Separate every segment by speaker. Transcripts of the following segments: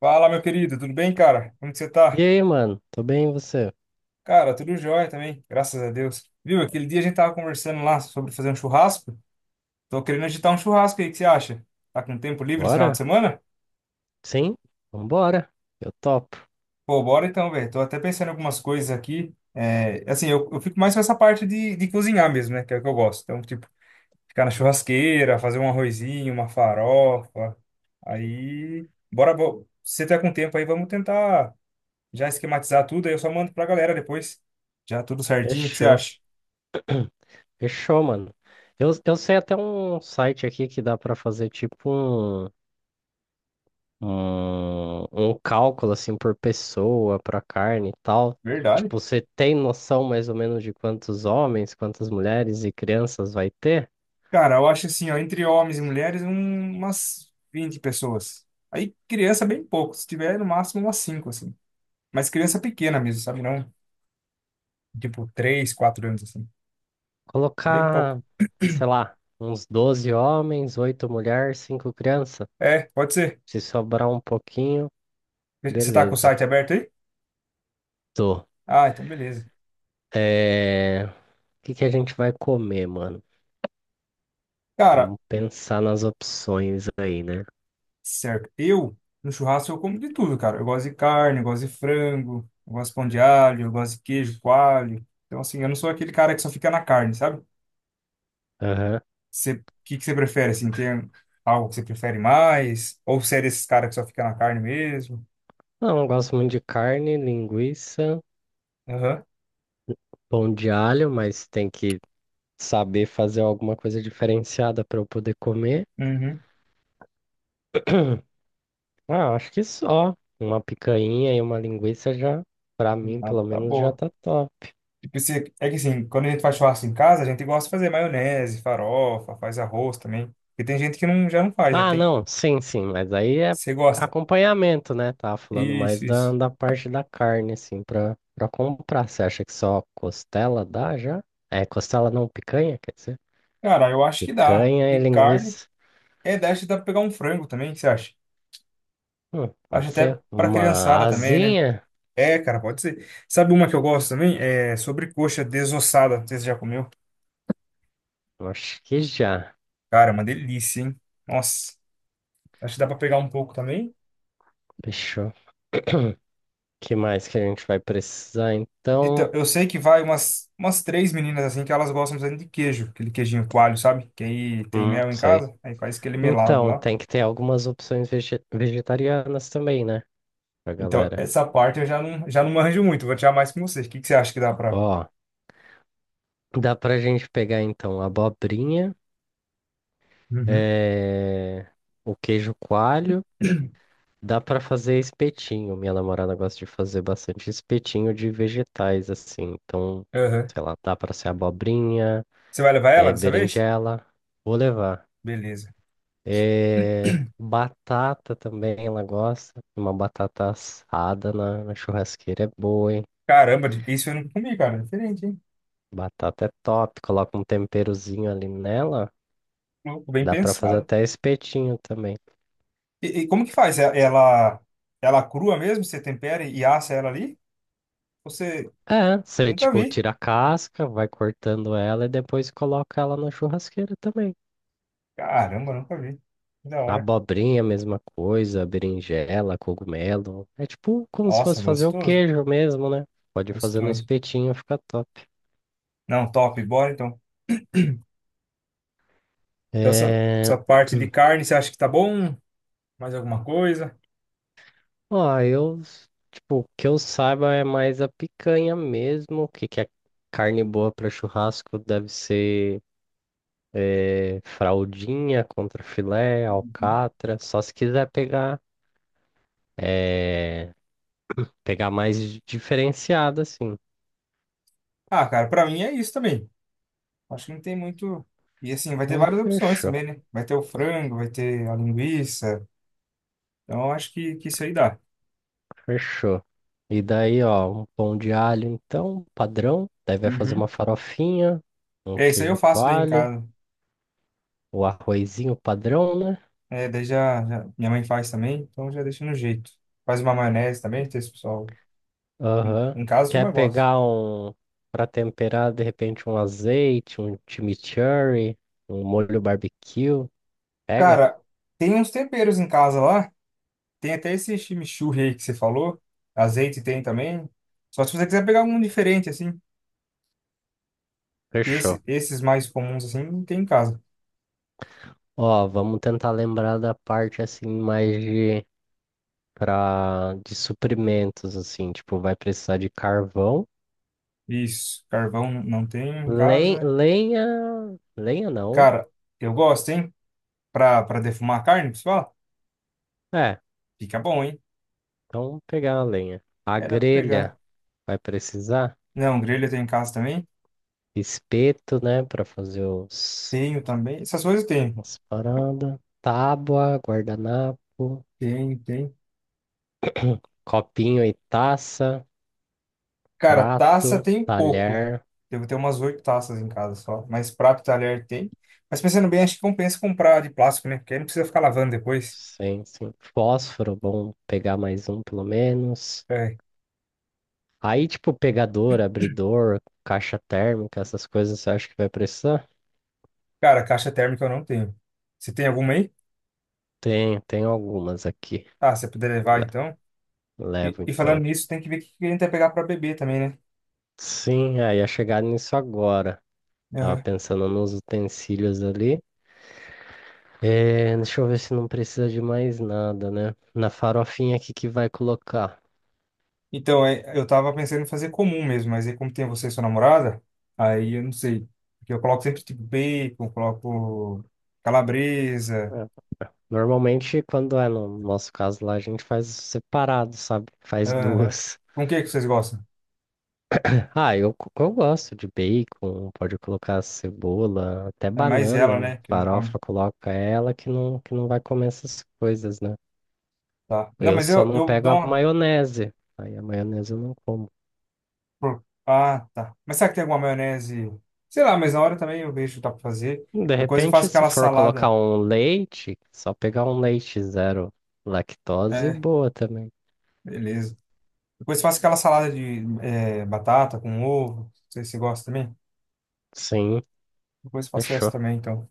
Speaker 1: Fala, meu querido, tudo bem, cara? Como que você
Speaker 2: E
Speaker 1: tá?
Speaker 2: aí, mano? Tô bem, e você?
Speaker 1: Cara, tudo jóia também, graças a Deus. Viu, aquele dia a gente tava conversando lá sobre fazer um churrasco. Tô querendo agitar um churrasco aí, o que você acha? Tá com tempo livre esse final de
Speaker 2: Bora?
Speaker 1: semana?
Speaker 2: Sim? Vambora. Eu topo.
Speaker 1: Pô, bora então, velho. Tô até pensando em algumas coisas aqui. É, assim, eu fico mais com essa parte de cozinhar mesmo, né? Que é o que eu gosto. Então, tipo, ficar na churrasqueira, fazer um arrozinho, uma farofa. Aí, bora, se você tá com tempo aí, vamos tentar já esquematizar tudo, aí eu só mando pra galera depois. Já tudo certinho, o que você
Speaker 2: Fechou.
Speaker 1: acha?
Speaker 2: Fechou, mano. Eu sei até um site aqui que dá pra fazer tipo um, um cálculo assim por pessoa, pra carne e tal.
Speaker 1: Verdade.
Speaker 2: Tipo, você tem noção mais ou menos de quantos homens, quantas mulheres e crianças vai ter?
Speaker 1: Cara, eu acho assim, ó, entre homens e mulheres, umas 20 pessoas. Aí criança bem pouco, se tiver no máximo umas 5 assim. Mas criança pequena mesmo, sabe? Não, tipo 3, 4 anos, assim. Bem pouco.
Speaker 2: Colocar, sei lá, uns 12 homens, 8 mulheres, 5 crianças.
Speaker 1: É, pode ser.
Speaker 2: Se sobrar um pouquinho,
Speaker 1: Você tá com o
Speaker 2: beleza.
Speaker 1: site aberto aí?
Speaker 2: Tô.
Speaker 1: Ah, então beleza.
Speaker 2: O que que a gente vai comer, mano?
Speaker 1: Cara.
Speaker 2: Vamos pensar nas opções aí, né?
Speaker 1: Certo. Eu, no churrasco, eu como de tudo, cara. Eu gosto de carne, eu gosto de frango, eu gosto de pão de alho, eu gosto de queijo, coalho. Então, assim, eu não sou aquele cara que só fica na carne, sabe?
Speaker 2: Aham.
Speaker 1: Você, o que que você prefere, assim? Tem algo que você prefere mais? Ou você é desses caras que só fica na carne mesmo?
Speaker 2: Não, eu gosto muito de carne, linguiça,
Speaker 1: Aham.
Speaker 2: pão de alho, mas tem que saber fazer alguma coisa diferenciada para eu poder comer.
Speaker 1: Uhum.
Speaker 2: Ah, acho que só. Uma picanha e uma linguiça já, pra mim,
Speaker 1: Ah,
Speaker 2: pelo
Speaker 1: tá
Speaker 2: menos, já
Speaker 1: boa.
Speaker 2: tá top.
Speaker 1: Tipo, você, é que assim, quando a gente faz churrasco em casa, a gente gosta de fazer maionese, farofa, faz arroz também. Porque tem gente que não, já não faz, né?
Speaker 2: Ah,
Speaker 1: Tem,
Speaker 2: não, sim, sim, mas aí é
Speaker 1: você gosta.
Speaker 2: acompanhamento, né? Tava falando mais
Speaker 1: Isso,
Speaker 2: da,
Speaker 1: isso.
Speaker 2: da parte da carne, assim, pra comprar. Você acha que só costela dá já? É, costela não, picanha, quer dizer?
Speaker 1: Cara, eu acho que dá.
Speaker 2: Picanha e
Speaker 1: De carne.
Speaker 2: linguiça.
Speaker 1: É, daí acho que dá pra pegar um frango também, o que você acha? Acho
Speaker 2: Pode
Speaker 1: até
Speaker 2: ser.
Speaker 1: pra criançada
Speaker 2: Uma
Speaker 1: também, né?
Speaker 2: asinha?
Speaker 1: É, cara, pode ser. Sabe uma que eu gosto também? É sobrecoxa desossada. Não sei se você já comeu.
Speaker 2: Acho que já.
Speaker 1: Cara, é uma delícia, hein? Nossa, acho que dá pra pegar um pouco também.
Speaker 2: Fechou. O Que mais que a gente vai precisar,
Speaker 1: Então,
Speaker 2: então?
Speaker 1: eu sei que vai umas três meninas assim que elas gostam bastante de queijo, aquele queijinho coalho, sabe? Que aí tem mel em
Speaker 2: Sei.
Speaker 1: casa, aí faz aquele melado
Speaker 2: Então,
Speaker 1: lá.
Speaker 2: tem que ter algumas opções vegetarianas também, né? Pra
Speaker 1: Então,
Speaker 2: galera.
Speaker 1: essa parte eu já não manjo muito, vou tirar mais com você. O que que você acha que dá pra.
Speaker 2: Ó. Dá pra gente pegar então a abobrinha,
Speaker 1: Uhum.
Speaker 2: eh, o queijo coalho. Dá pra fazer espetinho. Minha namorada gosta de fazer bastante espetinho de vegetais assim. Então,
Speaker 1: Aham.
Speaker 2: sei lá, dá pra ser abobrinha,
Speaker 1: Você vai levar ela dessa vez?
Speaker 2: berinjela. Vou levar.
Speaker 1: Beleza.
Speaker 2: Batata também ela gosta. Uma batata assada na churrasqueira é boa, hein?
Speaker 1: Caramba, isso eu não comi, cara. Diferente, hein?
Speaker 2: Batata é top. Coloca um temperozinho ali nela.
Speaker 1: Louco, bem
Speaker 2: Dá pra fazer
Speaker 1: pensado.
Speaker 2: até espetinho também.
Speaker 1: E como que faz? Ela crua mesmo? Você tempera e assa ela ali? Você
Speaker 2: É, você,
Speaker 1: nunca
Speaker 2: tipo,
Speaker 1: vi.
Speaker 2: tira a casca, vai cortando ela e depois coloca ela na churrasqueira também.
Speaker 1: Caramba, nunca vi. Que da
Speaker 2: A
Speaker 1: hora.
Speaker 2: abobrinha, a mesma coisa, berinjela, cogumelo. É tipo como se
Speaker 1: Nossa,
Speaker 2: fosse fazer o
Speaker 1: gostoso.
Speaker 2: queijo mesmo, né? Pode fazer no
Speaker 1: Gostoso.
Speaker 2: espetinho, fica top.
Speaker 1: Não, top. Bora então. Então, essa,
Speaker 2: É...
Speaker 1: essa parte de carne, você acha que tá bom? Mais alguma coisa?
Speaker 2: Ó, tipo, o que eu saiba é mais a picanha mesmo. O que que é carne boa para churrasco deve ser. É, fraldinha, contrafilé,
Speaker 1: Uhum.
Speaker 2: alcatra. Só se quiser pegar. É, pegar mais diferenciada, assim.
Speaker 1: Ah, cara, pra mim é isso também. Acho que não tem muito. E assim, vai ter
Speaker 2: Então,
Speaker 1: várias opções
Speaker 2: fechou,
Speaker 1: também, né? Vai ter o frango, vai ter a linguiça. Então, acho que isso aí dá.
Speaker 2: fechou. E daí, ó, um pão de alho, então, padrão. Daí vai fazer uma farofinha, um
Speaker 1: É, isso aí eu
Speaker 2: queijo
Speaker 1: faço daí em
Speaker 2: coalho,
Speaker 1: casa.
Speaker 2: o arrozinho padrão, né?
Speaker 1: É, daí minha mãe faz também, então já deixa no jeito. Faz uma maionese também, tem esse pessoal.
Speaker 2: Aham.
Speaker 1: Em casa, a turma
Speaker 2: Quer
Speaker 1: gosta.
Speaker 2: pegar um, pra temperar, de repente, um azeite, um chimichurri, um molho barbecue? Pega?
Speaker 1: Cara, tem uns temperos em casa lá. Tem até esse chimichurri aí que você falou. Azeite tem também. Só se você quiser pegar algum diferente, assim. Que
Speaker 2: Fechou.
Speaker 1: Esses mais comuns, assim, não tem em casa.
Speaker 2: Ó, vamos tentar lembrar da parte, assim, mais de para de suprimentos assim, tipo, vai precisar de carvão,
Speaker 1: Isso, carvão não tem em casa.
Speaker 2: lenha, lenha não.
Speaker 1: Cara, eu gosto, hein? Pra defumar a carne, pessoal.
Speaker 2: É,
Speaker 1: Fica bom, hein?
Speaker 2: então pegar a lenha. A
Speaker 1: É, dá pra pegar.
Speaker 2: grelha vai precisar
Speaker 1: Não, grelha tem em casa também.
Speaker 2: espeto, né, para fazer os
Speaker 1: Tenho também. Essas coisas eu tenho.
Speaker 2: as paradas, tábua, guardanapo,
Speaker 1: Tem, tem.
Speaker 2: copinho e taça,
Speaker 1: Cara, taça
Speaker 2: prato,
Speaker 1: tem pouco.
Speaker 2: talher,
Speaker 1: Devo ter umas oito taças em casa só. Mas prato e talher tem. Mas pensando bem, acho que compensa comprar de plástico, né? Porque aí não precisa ficar lavando depois.
Speaker 2: sim, sim. Fósforo, bom pegar mais um pelo menos.
Speaker 1: É.
Speaker 2: Aí, tipo, pegador, abridor, caixa térmica, essas coisas você acha que vai precisar?
Speaker 1: Cara, caixa térmica eu não tenho. Você tem alguma aí?
Speaker 2: Tem algumas aqui.
Speaker 1: Ah, se você puder levar
Speaker 2: Le-
Speaker 1: então. E,
Speaker 2: Levo
Speaker 1: e falando
Speaker 2: então.
Speaker 1: nisso, tem que ver o que a gente vai pegar para beber também, né?
Speaker 2: Sim, aí ia chegar nisso agora. Tava
Speaker 1: Aham.
Speaker 2: pensando nos utensílios ali. É, deixa eu ver se não precisa de mais nada, né? Na farofinha aqui que vai colocar.
Speaker 1: Então, é, eu tava pensando em fazer comum mesmo, mas aí como tem você e sua namorada, aí eu não sei. Porque eu coloco sempre tipo bacon, coloco calabresa.
Speaker 2: É, normalmente, quando é no nosso caso lá, a gente faz separado, sabe? Faz
Speaker 1: Aham.
Speaker 2: duas.
Speaker 1: Com o que que vocês gostam?
Speaker 2: Ah, eu gosto de bacon, pode colocar cebola, até
Speaker 1: É mais
Speaker 2: banana
Speaker 1: ela,
Speaker 2: em
Speaker 1: né, que não come.
Speaker 2: farofa, coloca ela que não vai comer essas coisas, né?
Speaker 1: Tá. Não,
Speaker 2: Eu
Speaker 1: mas
Speaker 2: só
Speaker 1: eu,
Speaker 2: não
Speaker 1: eu
Speaker 2: pego
Speaker 1: dou
Speaker 2: a
Speaker 1: uma.
Speaker 2: maionese, aí a maionese eu não como.
Speaker 1: Ah, tá. Mas será que tem alguma maionese? Sei lá, mas na hora também eu vejo o que dá pra fazer.
Speaker 2: De
Speaker 1: Depois eu faço
Speaker 2: repente, se
Speaker 1: aquela
Speaker 2: for colocar
Speaker 1: salada.
Speaker 2: um leite, só pegar um leite zero lactose,
Speaker 1: É,
Speaker 2: boa também.
Speaker 1: beleza. Depois eu faço aquela salada de batata com ovo. Não sei se você gosta também.
Speaker 2: Sim,
Speaker 1: Depois eu faço essa
Speaker 2: fechou.
Speaker 1: também, então.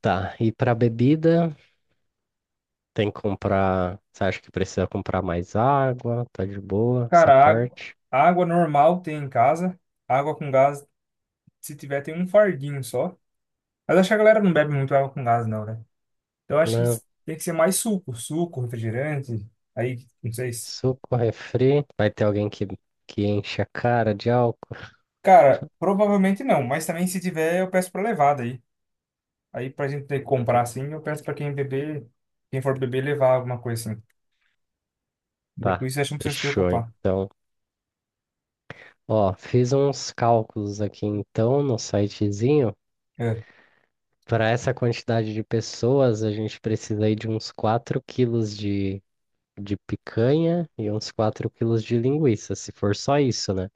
Speaker 2: Tá, e pra bebida, tem que comprar. Você acha que precisa comprar mais água? Tá de boa essa
Speaker 1: Cara, água,
Speaker 2: parte?
Speaker 1: água normal tem em casa. Água com gás, se tiver, tem um fardinho só. Mas acho que a galera não bebe muito água com gás, não, né? Então, eu acho que
Speaker 2: Né?
Speaker 1: tem que ser mais suco, refrigerante. Aí, não sei se.
Speaker 2: Suco, refri. Vai ter alguém que enche a cara de álcool?
Speaker 1: Cara, provavelmente não, mas também se tiver, eu peço pra levar daí. Aí, pra gente ter que comprar assim, eu peço pra quem beber, quem for beber, levar alguma coisa assim. Daí, com
Speaker 2: Tá,
Speaker 1: isso, eu acho que não precisa se
Speaker 2: fechou
Speaker 1: preocupar.
Speaker 2: então. Ó, fiz uns cálculos aqui então no sitezinho.
Speaker 1: É.
Speaker 2: Para essa quantidade de pessoas, a gente precisa aí de uns 4 quilos de picanha e uns 4 quilos de linguiça, se for só isso, né?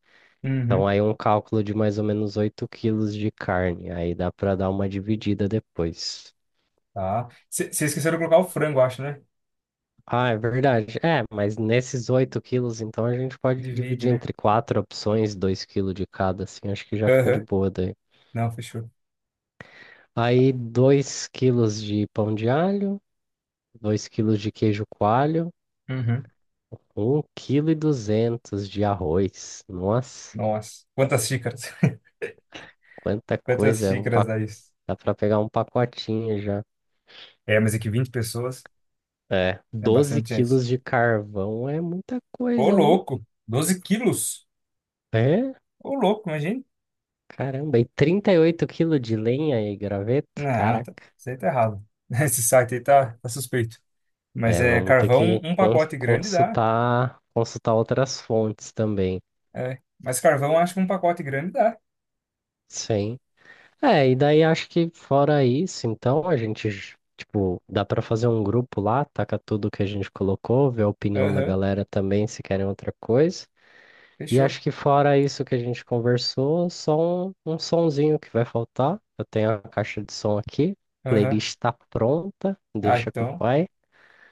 Speaker 2: Então
Speaker 1: Uhum.
Speaker 2: aí um cálculo de mais ou menos 8 quilos de carne. Aí dá para dar uma dividida depois.
Speaker 1: Tá. Vocês esqueceram de colocar o frango, acho, né?
Speaker 2: Ah, é verdade. É, mas nesses 8 quilos, então, a gente pode
Speaker 1: Divide,
Speaker 2: dividir
Speaker 1: né?
Speaker 2: entre quatro opções, 2 quilos de cada, assim, acho que já fica de
Speaker 1: Aham.
Speaker 2: boa daí.
Speaker 1: Não, fechou.
Speaker 2: Aí, 2 quilos de pão de alho, 2 quilos de queijo coalho,
Speaker 1: Uhum.
Speaker 2: um quilo e 200 de arroz. Nossa,
Speaker 1: Nossa. Quantas xícaras?
Speaker 2: quanta
Speaker 1: Quantas
Speaker 2: coisa,
Speaker 1: xícaras dá isso?
Speaker 2: dá pra pegar um pacotinho já.
Speaker 1: É, mas é que 20 pessoas
Speaker 2: É,
Speaker 1: é
Speaker 2: 12
Speaker 1: bastante gente.
Speaker 2: quilos de carvão é muita
Speaker 1: Ô,
Speaker 2: coisa, não?
Speaker 1: louco! Doze quilos?
Speaker 2: É?
Speaker 1: Ô, louco, imagina.
Speaker 2: Caramba, e 38 quilos de lenha e graveto?
Speaker 1: Não,
Speaker 2: Caraca.
Speaker 1: tá, isso aí tá errado. Esse site aí tá suspeito. Mas
Speaker 2: É,
Speaker 1: é
Speaker 2: vamos ter
Speaker 1: carvão,
Speaker 2: que
Speaker 1: um
Speaker 2: cons-
Speaker 1: pacote grande dá.
Speaker 2: consultar, consultar outras fontes também.
Speaker 1: É. Mas carvão, acho que um pacote grande dá.
Speaker 2: Sim. É, e daí acho que fora isso, então a gente, tipo, dá pra fazer um grupo lá, taca tudo que a gente colocou, ver a opinião da
Speaker 1: Aham,
Speaker 2: galera também, se querem outra coisa. E
Speaker 1: fechou.
Speaker 2: acho que fora isso que a gente conversou, só um sonzinho que vai faltar. Eu tenho a caixa de som aqui,
Speaker 1: Aham.
Speaker 2: playlist tá pronta,
Speaker 1: Ah,
Speaker 2: deixa com o
Speaker 1: então,
Speaker 2: pai.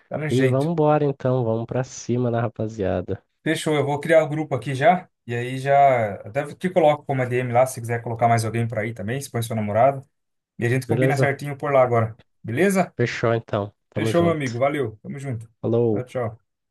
Speaker 1: tá no
Speaker 2: E vamos
Speaker 1: jeito.
Speaker 2: embora então, vamos pra cima, né, rapaziada?
Speaker 1: Fechou, eu vou criar o grupo aqui já. E aí já. Até te coloco como a ADM lá, se quiser colocar mais alguém pra ir também, se põe seu namorado. E a gente combina
Speaker 2: Beleza?
Speaker 1: certinho por lá agora. Beleza?
Speaker 2: Fechou então. Tamo
Speaker 1: Fechou, meu amigo.
Speaker 2: junto.
Speaker 1: Valeu. Tamo junto. Tchau,
Speaker 2: Falou.
Speaker 1: tchau.